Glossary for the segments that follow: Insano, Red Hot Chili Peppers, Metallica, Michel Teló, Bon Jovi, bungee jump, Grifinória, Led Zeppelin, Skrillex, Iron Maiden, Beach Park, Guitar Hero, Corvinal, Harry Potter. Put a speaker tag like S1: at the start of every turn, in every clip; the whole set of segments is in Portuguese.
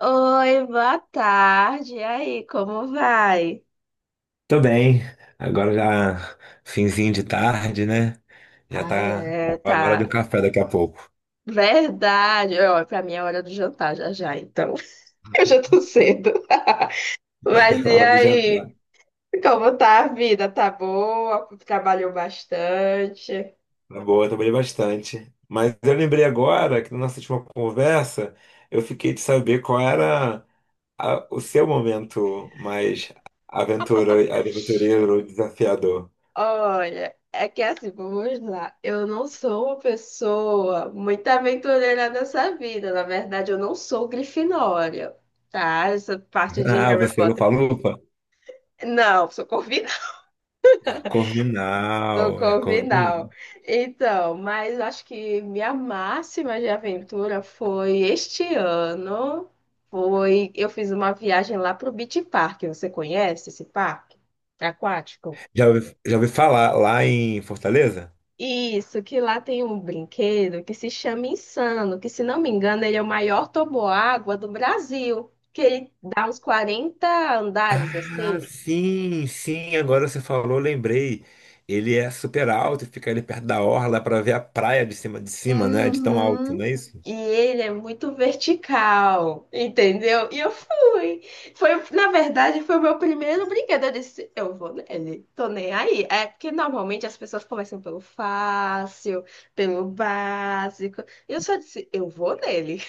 S1: Oi, boa tarde. E aí, como vai?
S2: Tô bem. Agora já finzinho de tarde, né? Já
S1: Ai,
S2: tá
S1: é,
S2: tá na hora do
S1: tá.
S2: café daqui a pouco.
S1: Verdade. Ó, pra mim é hora do jantar já já, então. Eu já tô cedo. Mas
S2: Na
S1: e
S2: hora do jantar.
S1: aí? Como tá a vida? Tá boa? Trabalhou bastante?
S2: Tá boa, eu trabalhei bastante. Mas eu lembrei agora que na nossa última conversa eu fiquei de saber qual era o seu momento mais aventureiro, desafiador.
S1: Olha, é que assim, vamos lá. Eu não sou uma pessoa muito aventureira nessa vida. Na verdade, eu não sou Grifinória, tá? Essa parte de
S2: Ah,
S1: Harry
S2: você é
S1: Potter.
S2: lupa-lupa?
S1: Não, sou convidada. No
S2: Corvinal, é Corvinal.
S1: Corvinal. Então, mas acho que minha máxima de aventura foi este ano. Foi, eu fiz uma viagem lá para o Beach Park. Você conhece esse parque aquático?
S2: Já ouvi falar lá em Fortaleza?
S1: Isso, que lá tem um brinquedo que se chama Insano, que se não me engano, ele é o maior toboágua do Brasil, que ele dá uns 40 andares
S2: Ah,
S1: assim.
S2: sim, sim, agora você falou, lembrei. Ele é super alto e fica ali perto da orla para ver a praia de cima, né? De tão alto, não
S1: Uhum.
S2: é isso?
S1: E ele é muito vertical, entendeu? E eu fui. Foi, na verdade, foi o meu primeiro brinquedo. Eu disse, eu vou nele, tô nem aí. É porque normalmente as pessoas começam pelo fácil, pelo básico. E eu só disse, eu vou nele.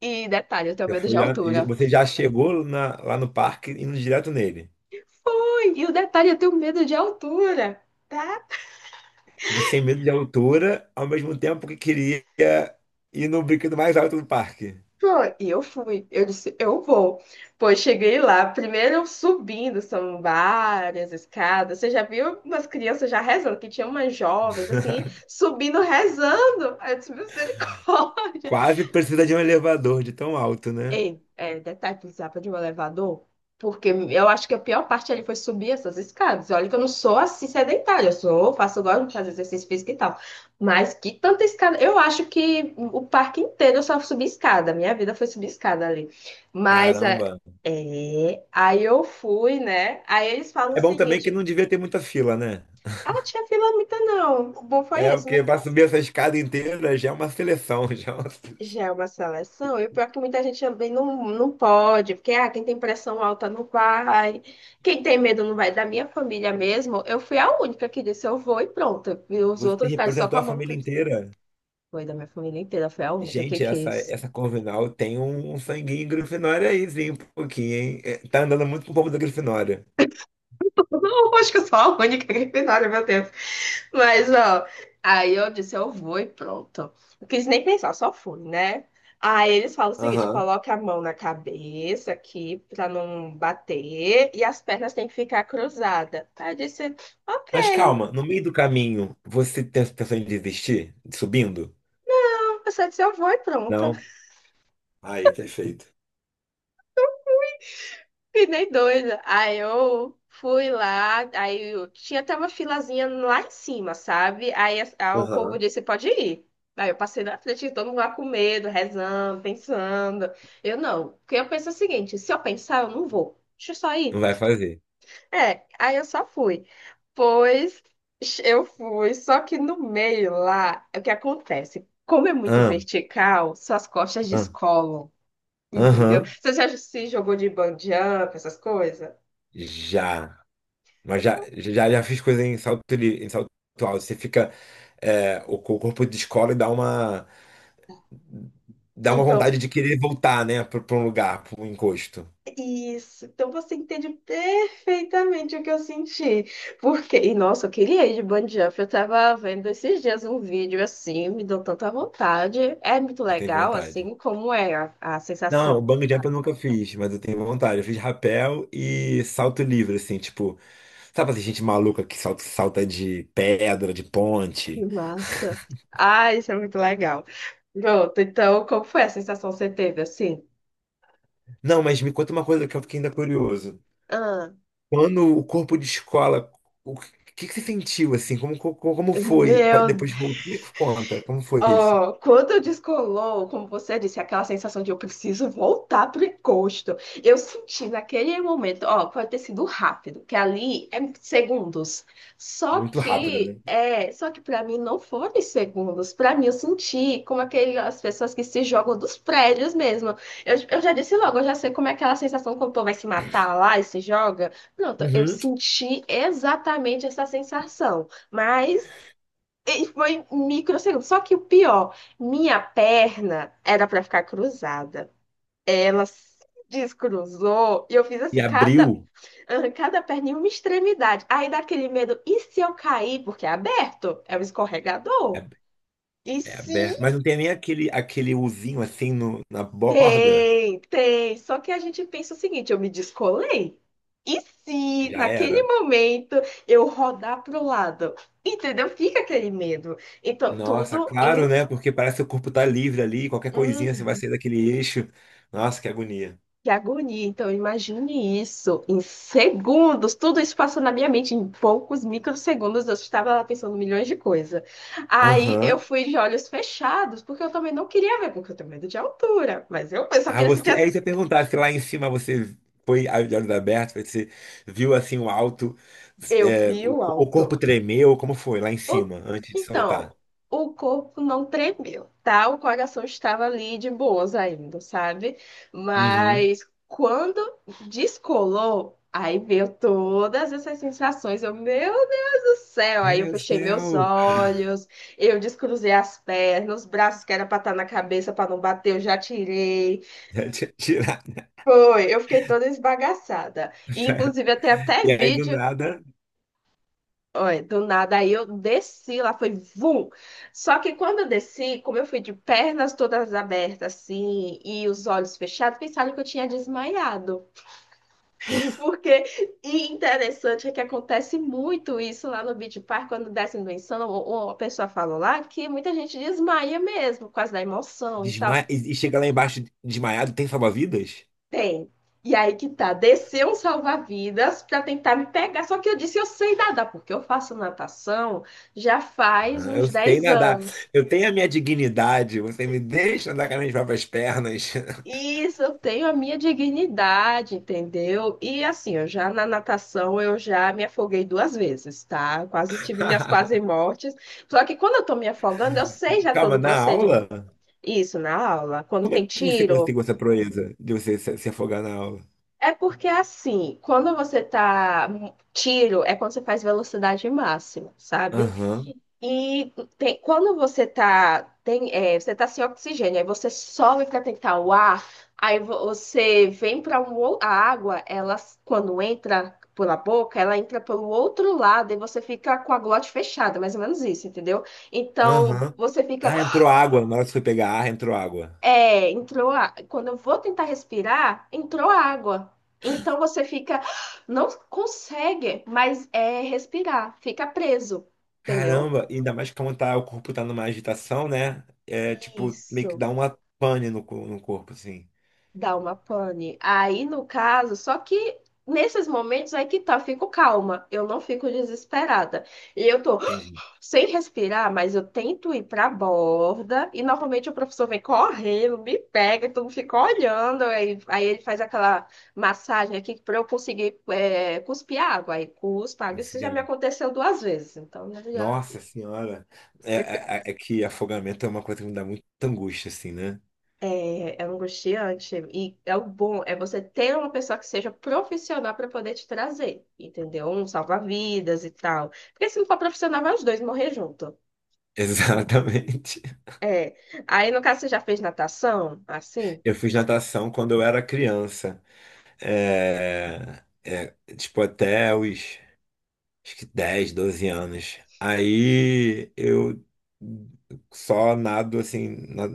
S1: E detalhe, eu tenho
S2: Você
S1: medo de
S2: foi já, e
S1: altura.
S2: você já chegou lá no parque indo direto nele.
S1: Foi! E o detalhe, eu tenho medo de altura. Tá.
S2: Você tem medo de altura, ao mesmo tempo que queria ir no brinquedo mais alto do parque.
S1: Foi, e eu fui. Eu disse, eu vou. Pois cheguei lá, primeiro subindo, são várias escadas. Você já viu umas crianças já rezando, que tinha umas jovens assim, subindo, rezando. Aí eu disse, misericórdia.
S2: Quase precisa de um elevador de tão alto, né?
S1: Ei, é, detalhe, precisava de um elevador, porque eu acho que a pior parte ali foi subir essas escadas. Olha que eu não sou assim sedentária, eu sou, faço, gosto de fazer exercício físico e tal. Mas que tanta escada. Eu acho que o parque inteiro eu só subi escada, minha vida foi subir escada ali. Mas é,
S2: Caramba.
S1: é, aí eu fui, né? Aí eles falam o
S2: É bom também que
S1: seguinte:
S2: não devia ter muita fila, né?
S1: ah, não tinha fila muita não. O bom foi
S2: É,
S1: esse.
S2: porque para subir essa escada inteira já é uma seleção, já é uma...
S1: Já é uma seleção, e o pior é que muita gente também não, não pode, porque ah, quem tem pressão alta não vai, quem tem medo não vai. Da minha família mesmo, eu fui a única que disse eu vou e pronto. E os
S2: Você
S1: outros ficaram só com
S2: representou
S1: a
S2: a
S1: mão.
S2: família inteira.
S1: Foi da minha família inteira, foi a única que
S2: Gente, essa,
S1: quis.
S2: essa Corvinal tem um sanguinho Grifinória aí, sim, um pouquinho, hein? É, tá andando muito com o povo da Grifinória.
S1: Não, acho que eu sou a única Grifinória, meu Deus. Mas, ó, aí eu disse, eu vou e pronto. Não quis nem pensar, só fui, né? Aí eles falam o seguinte,
S2: Aham.
S1: coloca a mão na cabeça aqui pra não bater e as pernas têm que ficar cruzadas. Aí eu disse,
S2: Mas
S1: ok.
S2: calma, no meio do caminho, você tem a intenção de desistir? De subindo?
S1: Eu só disse, eu vou e pronto.
S2: Não? Aí, perfeito.
S1: Que nem doida. Aí eu fui lá, aí eu tinha até uma filazinha lá em cima, sabe? Aí, o povo
S2: Aham.
S1: disse, pode ir. Aí eu passei na frente, de todo mundo lá com medo, rezando, pensando. Eu não, porque eu penso o seguinte, se eu pensar, eu não vou. Deixa eu só
S2: Não
S1: ir.
S2: vai fazer.
S1: É, aí eu só fui. Pois eu fui, só que no meio lá, o que acontece? Como é muito
S2: Ah,
S1: vertical, suas costas
S2: ah,
S1: descolam, entendeu?
S2: Aham.
S1: Você já se jogou de bungee jump, essas coisas?
S2: Já. Mas já fiz coisa em salto alto. Você fica. O corpo descola e dá uma. Dá uma
S1: Então,
S2: vontade de querer voltar, né, pra um lugar, pra um encosto.
S1: isso. Então você entende perfeitamente o que eu senti. Porque, e nossa, eu queria ir de bungee jump. Eu tava vendo esses dias um vídeo assim, me deu tanta vontade. É muito
S2: Eu tenho
S1: legal,
S2: vontade.
S1: assim, como é a
S2: Não, o
S1: sensação.
S2: bungee jump eu nunca fiz, mas eu tenho vontade. Eu fiz rapel e salto livre, assim, tipo, sabe assim, gente maluca que salta, salta de pedra, de
S1: Que
S2: ponte.
S1: massa. Ah, isso é muito legal. Pronto, então, como foi a sensação que você teve, assim?
S2: Não, mas me conta uma coisa que eu fiquei ainda curioso.
S1: Ah,
S2: Quando o corpo de escola, o que, que você sentiu, assim? Como foi?
S1: meu
S2: Depois, de voltar, me conta, como foi isso?
S1: Ó, quando descolou, como você disse, aquela sensação de eu preciso voltar pro encosto, eu senti naquele momento, ó, pode ter sido rápido, que ali é segundos.
S2: Muito rápido, né?
S1: Só que para mim não foram segundos. Para mim eu senti como aquelas pessoas que se jogam dos prédios mesmo. Eu já disse logo, eu já sei como é aquela sensação quando o povo vai se matar lá e se joga. Pronto, eu
S2: Uhum.
S1: senti exatamente essa sensação. Mas e foi microsegundo. Só que o pior, minha perna era pra ficar cruzada. Ela se descruzou e eu fiz
S2: E
S1: assim,
S2: abriu.
S1: cada perna em uma extremidade. Aí dá aquele medo, e se eu cair? Porque é aberto, é um escorregador. E
S2: É
S1: se
S2: aberto, mas não tem nem aquele uzinho assim na borda.
S1: tem, tem. Só que a gente pensa o seguinte, eu me descolei. E se
S2: Já
S1: naquele
S2: era.
S1: momento eu rodar pro lado? Entendeu? Fica aquele medo. Então,
S2: Nossa,
S1: tudo
S2: claro,
S1: em.
S2: né? Porque parece que o corpo tá livre ali, qualquer coisinha você vai
S1: Uhum.
S2: sair daquele eixo. Nossa, que agonia.
S1: Que agonia. Então, imagine isso em segundos. Tudo isso passou na minha mente em poucos microsegundos. Eu estava lá pensando milhões de coisas. Aí eu
S2: Aham.
S1: fui de olhos fechados, porque eu também não queria ver, porque eu tenho medo de altura. Mas eu só
S2: Ah,
S1: queria sentir
S2: você.
S1: assim.
S2: Aí você ia perguntar se lá em cima você foi de olhos abertos, você viu assim o alto,
S1: Eu
S2: é,
S1: vi
S2: o,
S1: o
S2: o corpo
S1: alto.
S2: tremeu, como foi lá em
S1: O-
S2: cima, antes de
S1: Então,
S2: soltar?
S1: o corpo não tremeu, tá? O coração estava ali de boas ainda, sabe?
S2: Uhum.
S1: Mas quando descolou, aí veio todas essas sensações. Eu, meu Deus do céu! Aí eu
S2: Meu
S1: fechei meus
S2: céu!
S1: olhos, eu descruzei as pernas, os braços que era pra estar na cabeça pra não bater, eu já tirei.
S2: Já tinha tirado.
S1: Foi, eu fiquei toda esbagaçada. E, inclusive, até
S2: E aí do
S1: vídeo.
S2: nada.
S1: Olha, do nada, aí eu desci lá, foi vum. Só que quando eu desci, como eu fui de pernas todas abertas, assim, e os olhos fechados, pensaram que eu tinha desmaiado. Porque, e interessante é que acontece muito isso lá no Beach Park, quando descem do Insano, ou a pessoa falou lá que muita gente desmaia mesmo, por causa da emoção e tal.
S2: E chega lá embaixo desmaiado, tem salva-vidas?
S1: Tem. E aí que tá, desceu um salva-vidas pra tentar me pegar. Só que eu disse, eu sei nadar, porque eu faço natação já faz
S2: Aham, eu
S1: uns
S2: sei
S1: 10
S2: nadar,
S1: anos.
S2: eu tenho a minha dignidade, você me deixa andar com as minhas próprias pernas.
S1: Isso, eu tenho a minha dignidade, entendeu? E assim, eu já na natação eu já me afoguei 2 vezes, tá? Quase tive minhas quase mortes. Só que quando eu tô me afogando, eu sei já todo
S2: Calma,
S1: o
S2: na aula?
S1: procedimento. Isso, na aula, quando
S2: Como é
S1: tem
S2: que você
S1: tiro.
S2: conseguiu essa proeza de você se afogar na aula?
S1: É porque assim, quando você tá. Tiro é quando você faz velocidade máxima, sabe?
S2: Aham,
S1: Quando você tá, tem, é, você tá sem oxigênio, aí você sobe para tentar o ar, você vem para um, a água, ela, quando entra pela boca, ela entra pelo outro lado e você fica com a glote fechada, mais ou menos isso, entendeu? Então,
S2: aham.
S1: você fica,
S2: Ah, entrou água, na hora que você foi pegar ar, entrou água.
S1: entrou quando eu vou tentar respirar, entrou água. Então, você fica, não consegue respirar, fica preso, entendeu?
S2: Caramba, e ainda mais como tá, o corpo tá numa agitação, né? É tipo, meio que
S1: Isso.
S2: dá uma pane no corpo, assim.
S1: Dá uma pane. Aí, no caso, só que nesses momentos aí que tá, eu fico calma, eu não fico desesperada. E eu tô
S2: Entendi.
S1: sem respirar, mas eu tento ir pra borda, e normalmente o professor vem correndo, me pega, todo mundo fica olhando, aí ele faz aquela massagem aqui pra eu conseguir cuspir água. Aí cuspa água.
S2: Não
S1: Isso
S2: sei
S1: já me aconteceu 2 vezes, então né, já.
S2: Nossa senhora, é que afogamento é uma coisa que me dá muita angústia, assim, né?
S1: É, é angustiante. E é o bom, é você ter uma pessoa que seja profissional para poder te trazer, entendeu? Um salva-vidas e tal. Porque se não for profissional, vai os dois morrer junto.
S2: Exatamente.
S1: É. Aí, no caso, você já fez natação, assim?
S2: Eu fiz natação quando eu era criança. É, tipo, até os, acho que 10, 12 anos. Aí eu só nado, assim, na,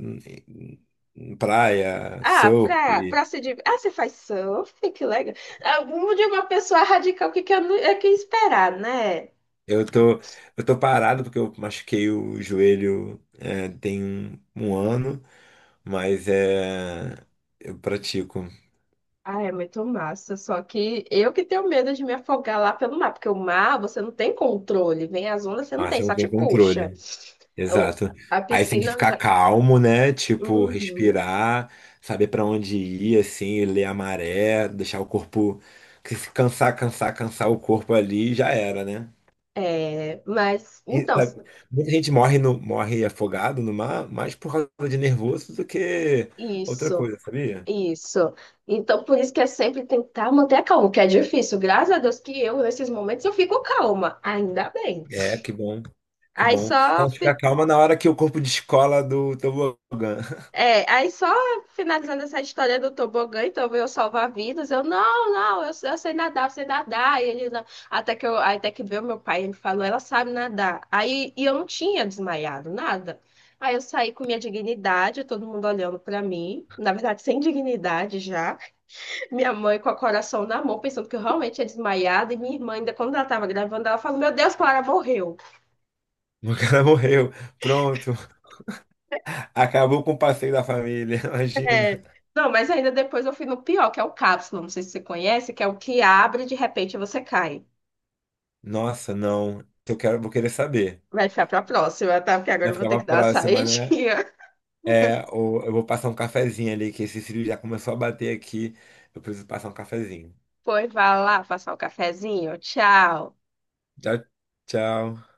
S2: em praia, surf.
S1: Pra se div... Ah, você faz surf, que legal. Ah, de uma pessoa radical, que eu não- é que esperar, né?
S2: Eu tô, eu tô parado porque eu machuquei o joelho tem um ano, mas eu pratico.
S1: Ah, é muito massa. Só que eu que tenho medo de me afogar lá pelo mar, porque o mar você não tem controle, vem as ondas, você não
S2: Mas
S1: tem,
S2: você não
S1: só te
S2: tem
S1: puxa.
S2: controle.
S1: Eu-
S2: Exato.
S1: a
S2: Aí você tem que
S1: piscina eu
S2: ficar
S1: já.
S2: calmo, né? Tipo,
S1: Uhum.
S2: respirar, saber pra onde ir, assim, ler a maré, deixar o corpo. Porque se cansar, cansar, cansar o corpo ali, já era, né?
S1: É, mas
S2: E,
S1: então,
S2: sabe, muita gente morre afogado no mar mais por causa de nervoso do que outra
S1: isso,
S2: coisa, sabia?
S1: isso. Então, por isso que é sempre tentar manter a calma, que é difícil. Graças a Deus que eu, nesses momentos, eu fico calma, ainda bem.
S2: É, que bom. Que
S1: Aí
S2: bom. Só
S1: só
S2: não ficar calma na hora que o corpo descola do tobogã.
S1: É, aí só finalizando essa história do tobogã, então veio salvar vidas. Eu, não, não, eu sei nadar, eu sei nadar. E ele, não. Aí até que veio meu pai, ele falou, ela sabe nadar. Aí, e eu não tinha desmaiado, nada. Aí eu saí com minha dignidade, todo mundo olhando pra mim, na verdade, sem dignidade já. Minha mãe com o coração na mão, pensando que eu realmente tinha desmaiado. E minha irmã, ainda quando ela tava gravando, ela falou: Meu Deus, Clara morreu.
S2: O cara morreu. Pronto. Acabou com o passeio da família. Imagina.
S1: É. Não, mas ainda depois eu fui no pior, que é o cápsula, não sei se você conhece, que é o que abre e de repente você cai.
S2: Nossa, não. Eu quero, vou querer saber.
S1: Vai ficar pra próxima, tá? Porque agora
S2: Vai
S1: eu vou
S2: ficar
S1: ter que
S2: pra
S1: dar uma
S2: próxima, né?
S1: saidinha.
S2: É, ou eu vou passar um cafezinho ali, que esse cílio já começou a bater aqui. Eu preciso passar um cafezinho.
S1: Pois vai lá, passar o cafezinho. Tchau.
S2: Tchau, tchau.